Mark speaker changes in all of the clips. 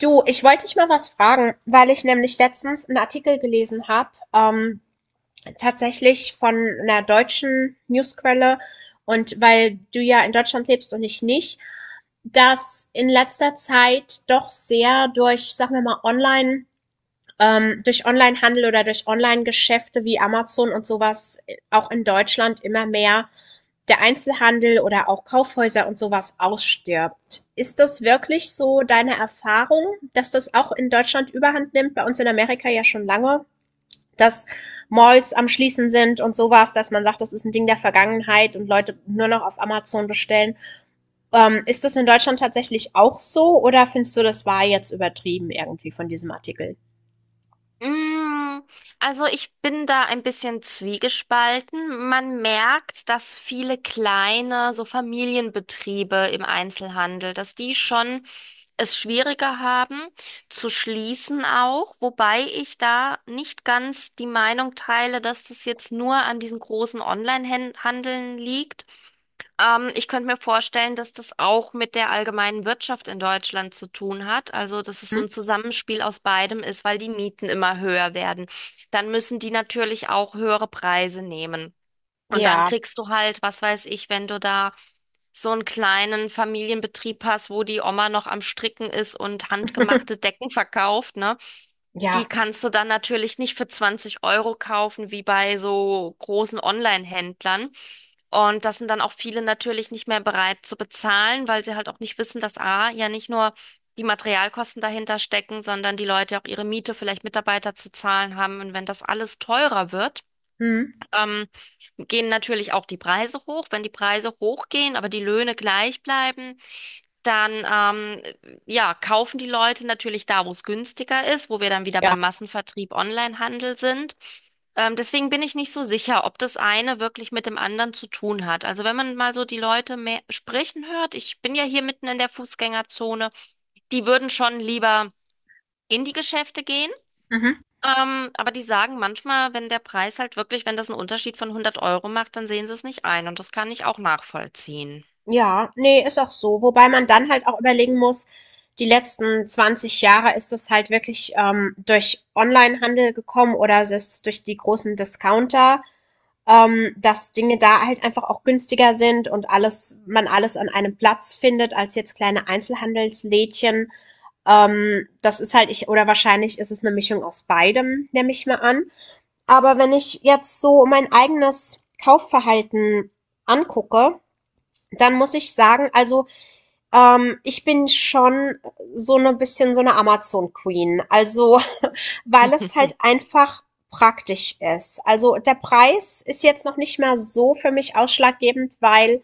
Speaker 1: Du, ich wollte dich mal was fragen, weil ich nämlich letztens einen Artikel gelesen habe, tatsächlich von einer deutschen Newsquelle und weil du ja in Deutschland lebst und ich nicht, dass in letzter Zeit doch sehr durch, sagen wir mal, Online durch Onlinehandel oder durch Onlinegeschäfte wie Amazon und sowas auch in Deutschland immer mehr der Einzelhandel oder auch Kaufhäuser und sowas ausstirbt. Ist das wirklich so deine Erfahrung, dass das auch in Deutschland überhand nimmt? Bei uns in Amerika ja schon lange, dass Malls am Schließen sind und sowas, dass man sagt, das ist ein Ding der Vergangenheit und Leute nur noch auf Amazon bestellen. Ist das in Deutschland tatsächlich auch so oder findest du, das war jetzt übertrieben irgendwie von diesem Artikel?
Speaker 2: Mm, Also ich bin da ein bisschen zwiegespalten. Man merkt, dass viele kleine, so Familienbetriebe im Einzelhandel, dass die schon es schwieriger haben zu schließen auch, wobei ich da nicht ganz die Meinung teile, dass das jetzt nur an diesen großen Online-Handeln liegt. Ich könnte mir vorstellen, dass das auch mit der allgemeinen Wirtschaft in Deutschland zu tun hat. Also, dass es so
Speaker 1: Hm?
Speaker 2: ein Zusammenspiel aus beidem ist, weil die Mieten immer höher werden. Dann müssen die natürlich auch höhere Preise nehmen. Und dann
Speaker 1: Ja,
Speaker 2: kriegst du halt, was weiß ich, wenn du da so einen kleinen Familienbetrieb hast, wo die Oma noch am Stricken ist und handgemachte Decken verkauft, ne? Die
Speaker 1: ja,
Speaker 2: kannst du dann natürlich nicht für 20 € kaufen, wie bei so großen Online-Händlern. Und das sind dann auch viele natürlich nicht mehr bereit zu bezahlen, weil sie halt auch nicht wissen, dass A, ja nicht nur die Materialkosten dahinter stecken, sondern die Leute auch ihre Miete, vielleicht Mitarbeiter zu zahlen haben. Und wenn das alles teurer wird,
Speaker 1: hm?
Speaker 2: ähm, gehen natürlich auch die Preise hoch. Wenn die Preise hochgehen, aber die Löhne gleich bleiben, dann ja, kaufen die Leute natürlich da, wo es günstiger ist, wo wir dann wieder
Speaker 1: Ja.
Speaker 2: beim Massenvertrieb Onlinehandel sind. Deswegen bin ich nicht so sicher, ob das eine wirklich mit dem anderen zu tun hat. Also wenn man mal so die Leute mehr sprechen hört, ich bin ja hier mitten in der Fußgängerzone, die würden schon lieber in die Geschäfte gehen.
Speaker 1: Mhm.
Speaker 2: Aber die sagen manchmal, wenn der Preis halt wirklich, wenn das einen Unterschied von 100 € macht, dann sehen sie es nicht ein. Und das kann ich auch nachvollziehen.
Speaker 1: Ja, nee, ist auch so. Wobei man dann halt auch überlegen muss, die letzten 20 Jahre ist das halt wirklich durch Onlinehandel gekommen oder es ist durch die großen Discounter, dass Dinge da halt einfach auch günstiger sind und alles, man alles an einem Platz findet, als jetzt kleine Einzelhandelslädchen. Das ist halt ich, oder wahrscheinlich ist es eine Mischung aus beidem, nehme ich mal an. Aber wenn ich jetzt so mein eigenes Kaufverhalten angucke, dann muss ich sagen, also ich bin schon so 'ne bisschen so 'ne Amazon Queen, also, weil es halt einfach praktisch ist. Also, der Preis ist jetzt noch nicht mehr so für mich ausschlaggebend, weil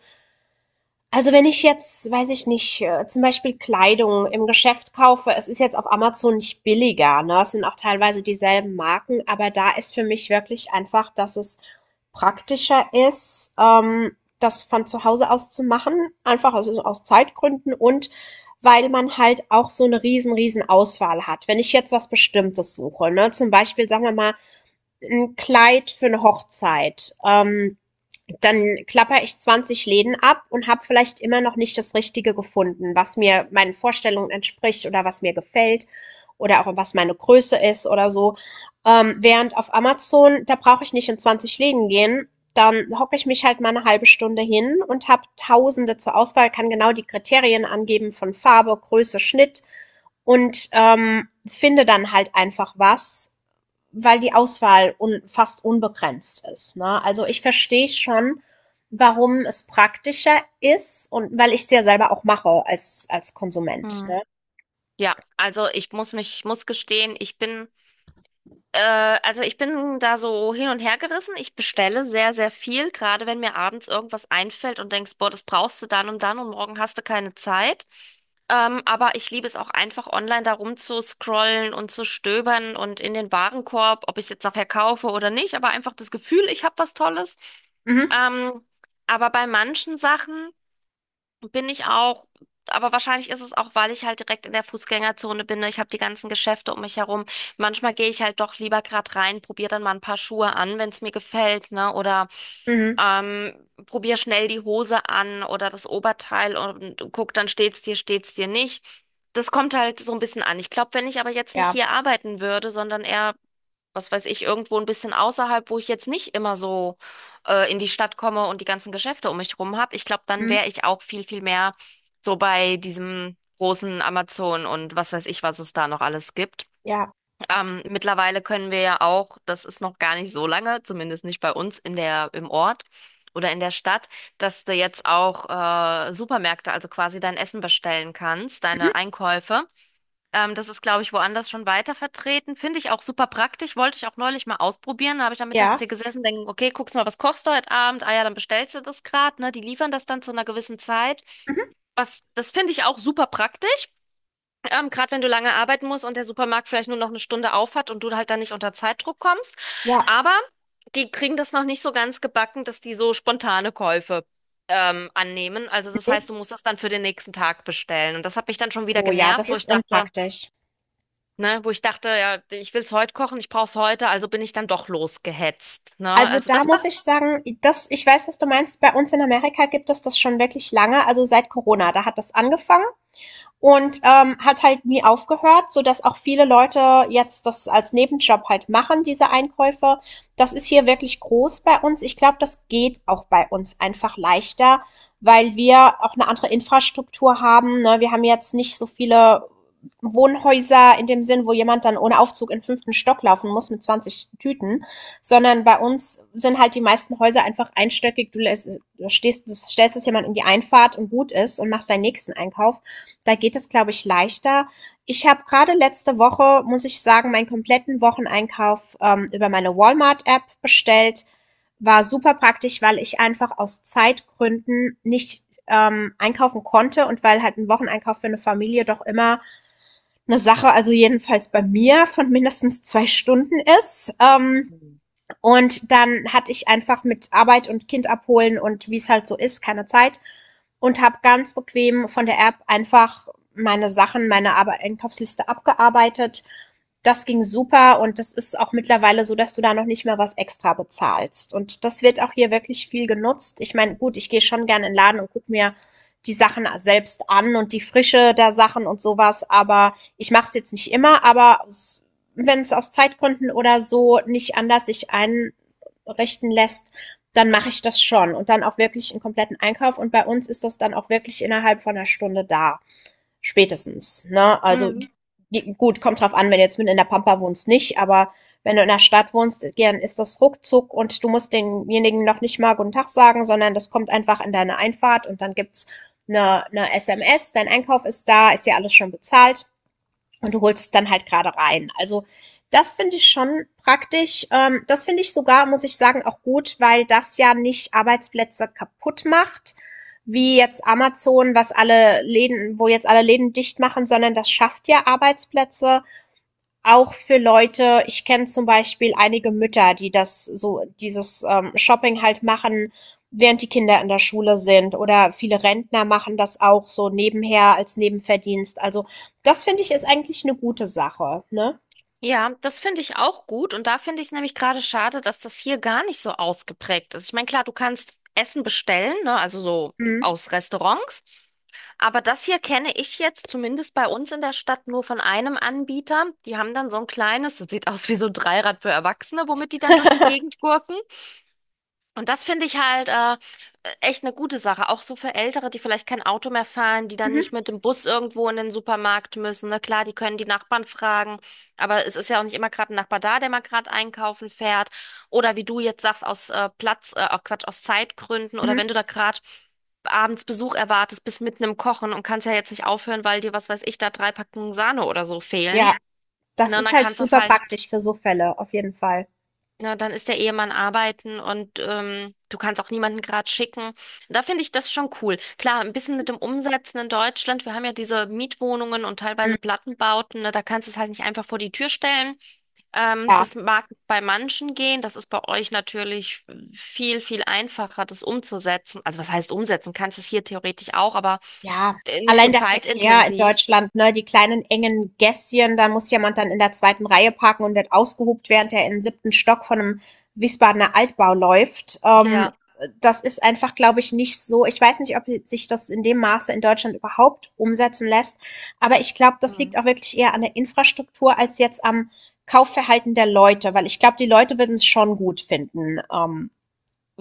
Speaker 1: also wenn ich jetzt, weiß ich nicht, zum Beispiel Kleidung im Geschäft kaufe, es ist jetzt auf Amazon nicht billiger, ne? Es sind auch teilweise dieselben Marken, aber da ist für mich wirklich einfach, dass es praktischer ist, das von zu Hause aus zu machen, einfach aus Zeitgründen und weil man halt auch so eine riesen, riesen Auswahl hat. Wenn ich jetzt was Bestimmtes suche, ne? Zum Beispiel, sagen wir mal, ein Kleid für eine Hochzeit. Dann klapper ich 20 Läden ab und habe vielleicht immer noch nicht das Richtige gefunden, was mir meinen Vorstellungen entspricht oder was mir gefällt oder auch was meine Größe ist oder so. Während auf Amazon, da brauche ich nicht in 20 Läden gehen. Dann hocke ich mich halt mal eine halbe Stunde hin und habe Tausende zur Auswahl, kann genau die Kriterien angeben von Farbe, Größe, Schnitt und finde dann halt einfach was, weil die Auswahl un fast unbegrenzt ist. Ne? Also ich verstehe schon, warum es praktischer ist und weil ich es ja selber auch mache als Konsument.
Speaker 2: Hm.
Speaker 1: Ne?
Speaker 2: Ja, also muss gestehen, ich bin Äh, also ich bin da so hin und her gerissen. Ich bestelle sehr, sehr viel, gerade wenn mir abends irgendwas einfällt und denkst, boah, das brauchst du dann und dann und morgen hast du keine Zeit. Aber ich liebe es auch einfach online da rumzuscrollen und zu stöbern und in den Warenkorb, ob ich es jetzt nachher kaufe oder nicht, aber einfach das Gefühl, ich habe was Tolles.
Speaker 1: Mhm,
Speaker 2: Ähm, aber bei manchen Sachen. Bin ich auch, aber wahrscheinlich ist es auch, weil ich halt direkt in der Fußgängerzone bin, ne? Ich habe die ganzen Geschäfte um mich herum. Manchmal gehe ich halt doch lieber gerade rein, probiere dann mal ein paar Schuhe an, wenn es mir gefällt, ne? Oder
Speaker 1: mhm,
Speaker 2: ähm, probiere schnell die Hose an oder das Oberteil und guck, dann steht's dir nicht. Das kommt halt so ein bisschen an. Ich glaube, wenn ich aber jetzt nicht
Speaker 1: ja,
Speaker 2: hier arbeiten würde, sondern eher was weiß ich, irgendwo ein bisschen außerhalb, wo ich jetzt nicht immer so in die Stadt komme und die ganzen Geschäfte um mich rum habe. Ich glaube, dann
Speaker 1: mhm,
Speaker 2: wäre ich auch viel, viel mehr so bei diesem großen Amazon und was weiß ich, was es da noch alles gibt.
Speaker 1: ja,
Speaker 2: Mittlerweile können wir ja auch, das ist noch gar nicht so lange, zumindest nicht bei uns im Ort oder in der Stadt, dass du jetzt auch Supermärkte, also quasi dein Essen bestellen kannst,
Speaker 1: mhm,
Speaker 2: deine Einkäufe. Das ist, glaube ich, woanders schon weiter vertreten. Finde ich auch super praktisch. Wollte ich auch neulich mal ausprobieren. Da habe ich am Mittags
Speaker 1: ja,
Speaker 2: hier gesessen, denke, okay, guckst mal, was kochst du heute Abend? Ah ja, dann bestellst du das gerade, ne? Die liefern das dann zu einer gewissen Zeit.
Speaker 1: mhm,
Speaker 2: Was, das finde ich auch super praktisch. Gerade wenn du lange arbeiten musst und der Supermarkt vielleicht nur noch eine Stunde auf hat und du halt dann nicht unter Zeitdruck kommst.
Speaker 1: ja.
Speaker 2: Aber die kriegen das noch nicht so ganz gebacken, dass die so spontane Käufe annehmen. Also das heißt,
Speaker 1: Nee.
Speaker 2: du musst das dann für den nächsten Tag bestellen. Und das hat mich dann schon wieder
Speaker 1: Oh ja,
Speaker 2: genervt,
Speaker 1: das
Speaker 2: wo ich
Speaker 1: ist
Speaker 2: dachte,
Speaker 1: unpraktisch.
Speaker 2: ne, wo ich dachte, ja, ich will es heute kochen, ich brauche es heute, also bin ich dann doch losgehetzt, ne?
Speaker 1: Also
Speaker 2: Also
Speaker 1: da
Speaker 2: das, das,
Speaker 1: muss ich sagen, das, ich weiß, was du meinst. Bei uns in Amerika gibt es das schon wirklich lange. Also seit Corona, da hat das angefangen. Und hat halt nie aufgehört, so dass auch viele Leute jetzt das als Nebenjob halt machen, diese Einkäufe. Das ist hier wirklich groß bei uns. Ich glaube, das geht auch bei uns einfach leichter, weil wir auch eine andere Infrastruktur haben. Ne? Wir haben jetzt nicht so viele Wohnhäuser in dem Sinn, wo jemand dann ohne Aufzug in den fünften Stock laufen muss mit 20 Tüten, sondern bei uns sind halt die meisten Häuser einfach einstöckig. Stellst es jemand in die Einfahrt und gut ist und machst deinen nächsten Einkauf. Da geht es, glaube ich, leichter. Ich habe gerade letzte Woche, muss ich sagen, meinen kompletten Wocheneinkauf über meine Walmart-App bestellt. War super praktisch, weil ich einfach aus Zeitgründen nicht einkaufen konnte und weil halt ein Wocheneinkauf für eine Familie doch immer eine Sache, also jedenfalls bei mir, von mindestens 2 Stunden ist. Und dann hatte ich einfach mit Arbeit und Kind abholen und wie es halt so ist, keine Zeit. Und habe ganz bequem von der App einfach meine Einkaufsliste abgearbeitet. Das ging super und das ist auch mittlerweile so, dass du da noch nicht mehr was extra bezahlst. Und das wird auch hier wirklich viel genutzt. Ich meine, gut, ich gehe schon gerne in den Laden und guck mir die Sachen selbst an und die Frische der Sachen und sowas, aber ich mache es jetzt nicht immer, aber wenn es aus Zeitgründen oder so nicht anders sich einrichten lässt, dann mache ich das schon und dann auch wirklich einen kompletten Einkauf. Und bei uns ist das dann auch wirklich innerhalb von einer Stunde da, spätestens. Ne? Also
Speaker 2: mhm.
Speaker 1: gut, kommt drauf an, wenn du jetzt mit in der Pampa wohnst, nicht, aber wenn du in der Stadt wohnst, dann ist das ruckzuck und du musst denjenigen noch nicht mal guten Tag sagen, sondern das kommt einfach in deine Einfahrt und dann gibt's eine SMS, dein Einkauf ist da, ist ja alles schon bezahlt und du holst es dann halt gerade rein. Also das finde ich schon praktisch. Das finde ich sogar, muss ich sagen, auch gut, weil das ja nicht Arbeitsplätze kaputt macht, wie jetzt Amazon, was alle Läden, wo jetzt alle Läden dicht machen, sondern das schafft ja Arbeitsplätze auch für Leute ich kenne zum Beispiel einige Mütter, die das so dieses, Shopping halt machen, während die Kinder in der Schule sind, oder viele Rentner machen das auch so nebenher als Nebenverdienst. Also, das finde ich ist eigentlich eine gute Sache, ne?
Speaker 2: Ja, das finde ich auch gut. Und da finde ich nämlich gerade schade, dass das hier gar nicht so ausgeprägt ist. Ich meine, klar, du kannst Essen bestellen, ne? Also so
Speaker 1: Mhm.
Speaker 2: aus Restaurants. Aber das hier kenne ich jetzt zumindest bei uns in der Stadt nur von einem Anbieter. Die haben dann so ein kleines, das sieht aus wie so ein Dreirad für Erwachsene, womit die dann durch die Gegend gurken. Und das finde ich halt echt eine gute Sache, auch so für Ältere, die vielleicht kein Auto mehr fahren, die dann
Speaker 1: Mhm,
Speaker 2: nicht mit dem Bus irgendwo in den Supermarkt müssen, ne? Klar, die können die Nachbarn fragen, aber es ist ja auch nicht immer gerade ein Nachbar da, der mal gerade einkaufen fährt. Oder wie du jetzt sagst, aus Platz, auch Quatsch, aus Zeitgründen oder
Speaker 1: mhm.
Speaker 2: wenn du da gerade abends Besuch erwartest, bist mitten im Kochen und kannst ja jetzt nicht aufhören, weil dir, was weiß ich, da drei Packungen Sahne oder so
Speaker 1: Ja,
Speaker 2: fehlen.
Speaker 1: das
Speaker 2: Ne? Und
Speaker 1: ist
Speaker 2: dann
Speaker 1: halt
Speaker 2: kannst du das
Speaker 1: super
Speaker 2: halt,
Speaker 1: praktisch für so Fälle, auf jeden Fall.
Speaker 2: na, dann ist der Ehemann arbeiten und du kannst auch niemanden gerade schicken. Da finde ich das schon cool. Klar, ein bisschen mit dem Umsetzen in Deutschland. Wir haben ja diese Mietwohnungen und
Speaker 1: Mhm,
Speaker 2: teilweise Plattenbauten, ne? Da kannst du es halt nicht einfach vor die Tür stellen.
Speaker 1: ja.
Speaker 2: Das mag bei manchen gehen. Das ist bei euch natürlich viel, viel einfacher, das umzusetzen. Also was heißt umsetzen? Kannst es hier theoretisch auch, aber
Speaker 1: Ja,
Speaker 2: nicht so
Speaker 1: allein der Verkehr in
Speaker 2: zeitintensiv.
Speaker 1: Deutschland, ne, die kleinen engen Gässchen, da muss jemand dann in der zweiten Reihe parken und wird ausgehupt, während er in den siebten Stock von einem Wiesbadener Altbau läuft.
Speaker 2: Ja.
Speaker 1: Das ist einfach, glaube ich, nicht so. Ich weiß nicht, ob sich das in dem Maße in Deutschland überhaupt umsetzen lässt, aber ich glaube, das
Speaker 2: Hm.
Speaker 1: liegt auch wirklich eher an der Infrastruktur als jetzt am Kaufverhalten der Leute, weil ich glaube, die Leute würden es schon gut finden.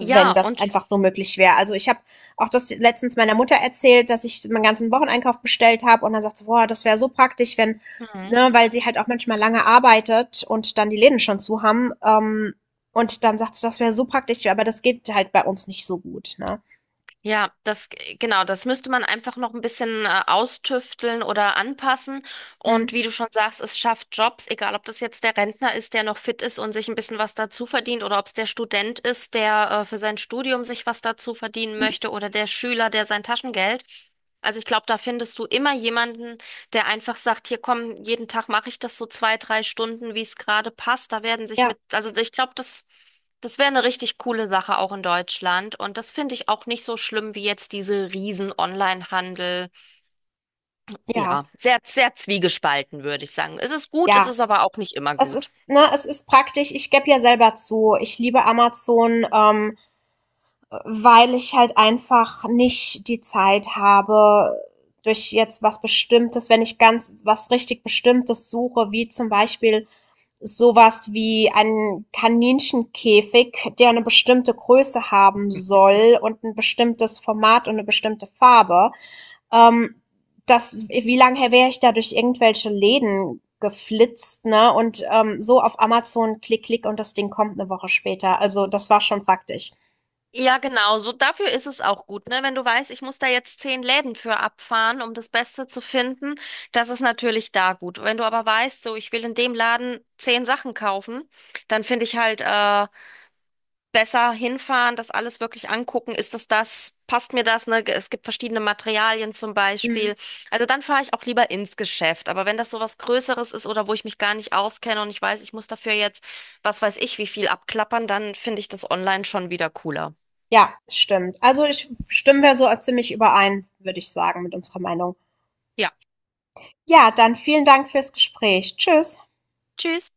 Speaker 2: Ja,
Speaker 1: das
Speaker 2: und
Speaker 1: einfach so möglich wäre. Also ich habe auch das letztens meiner Mutter erzählt, dass ich meinen ganzen Wocheneinkauf bestellt habe und dann sagt sie, boah, das wäre so praktisch, wenn,
Speaker 2: hm.
Speaker 1: ne, weil sie halt auch manchmal lange arbeitet und dann die Läden schon zu haben. Und dann sagt sie, das wäre so praktisch, aber das geht halt bei uns nicht so gut. Ne?
Speaker 2: Ja, das, genau, das müsste man einfach noch ein bisschen austüfteln oder anpassen.
Speaker 1: Hm.
Speaker 2: Und wie du schon sagst, es schafft Jobs, egal ob das jetzt der Rentner ist, der noch fit ist und sich ein bisschen was dazu verdient, oder ob es der Student ist, der für sein Studium sich was dazu verdienen möchte, oder der Schüler, der sein Taschengeld. Also ich glaube, da findest du immer jemanden, der einfach sagt, hier komm, jeden Tag mache ich das so 2, 3 Stunden, wie es gerade passt. Da werden sich
Speaker 1: Ja,
Speaker 2: mit, also ich glaube, das. Das wäre eine richtig coole Sache auch in Deutschland. Und das finde ich auch nicht so schlimm wie jetzt diese riesen Online-Handel.
Speaker 1: ja,
Speaker 2: Ja, sehr, sehr zwiegespalten, würde ich sagen. Es ist gut, es
Speaker 1: ja.
Speaker 2: ist aber auch nicht immer
Speaker 1: Es
Speaker 2: gut.
Speaker 1: ist, ne, es ist praktisch. Ich gebe ja selber zu. Ich liebe Amazon. Weil ich halt einfach nicht die Zeit habe, durch jetzt was Bestimmtes, wenn ich ganz was richtig Bestimmtes suche, wie zum Beispiel sowas wie ein Kaninchenkäfig, der eine bestimmte Größe haben soll und ein bestimmtes Format und eine bestimmte Farbe. Ähm, Das, wie lange wäre ich da durch irgendwelche Läden geflitzt, ne? Und so auf Amazon klick, klick und das Ding kommt eine Woche später. Also das war schon praktisch.
Speaker 2: Ja, genau. So dafür ist es auch gut, ne? Wenn du weißt, ich muss da jetzt 10 Läden für abfahren, um das Beste zu finden, das ist natürlich da gut. Wenn du aber weißt, so ich will in dem Laden 10 Sachen kaufen, dann finde ich halt besser hinfahren, das alles wirklich angucken. Ist das das? Passt mir das? Ne? Es gibt verschiedene Materialien zum
Speaker 1: Mhm.
Speaker 2: Beispiel. Also dann fahre ich auch lieber ins Geschäft. Aber wenn das so was Größeres ist oder wo ich mich gar nicht auskenne und ich weiß, ich muss dafür jetzt, was weiß ich, wie viel abklappern, dann finde ich das online schon wieder cooler.
Speaker 1: Ja, stimmt. Also ich stimmen wir so ziemlich überein, würde ich sagen, mit unserer Meinung.
Speaker 2: Ja.
Speaker 1: Ja, dann vielen Dank fürs Gespräch. Tschüss.
Speaker 2: Tschüss.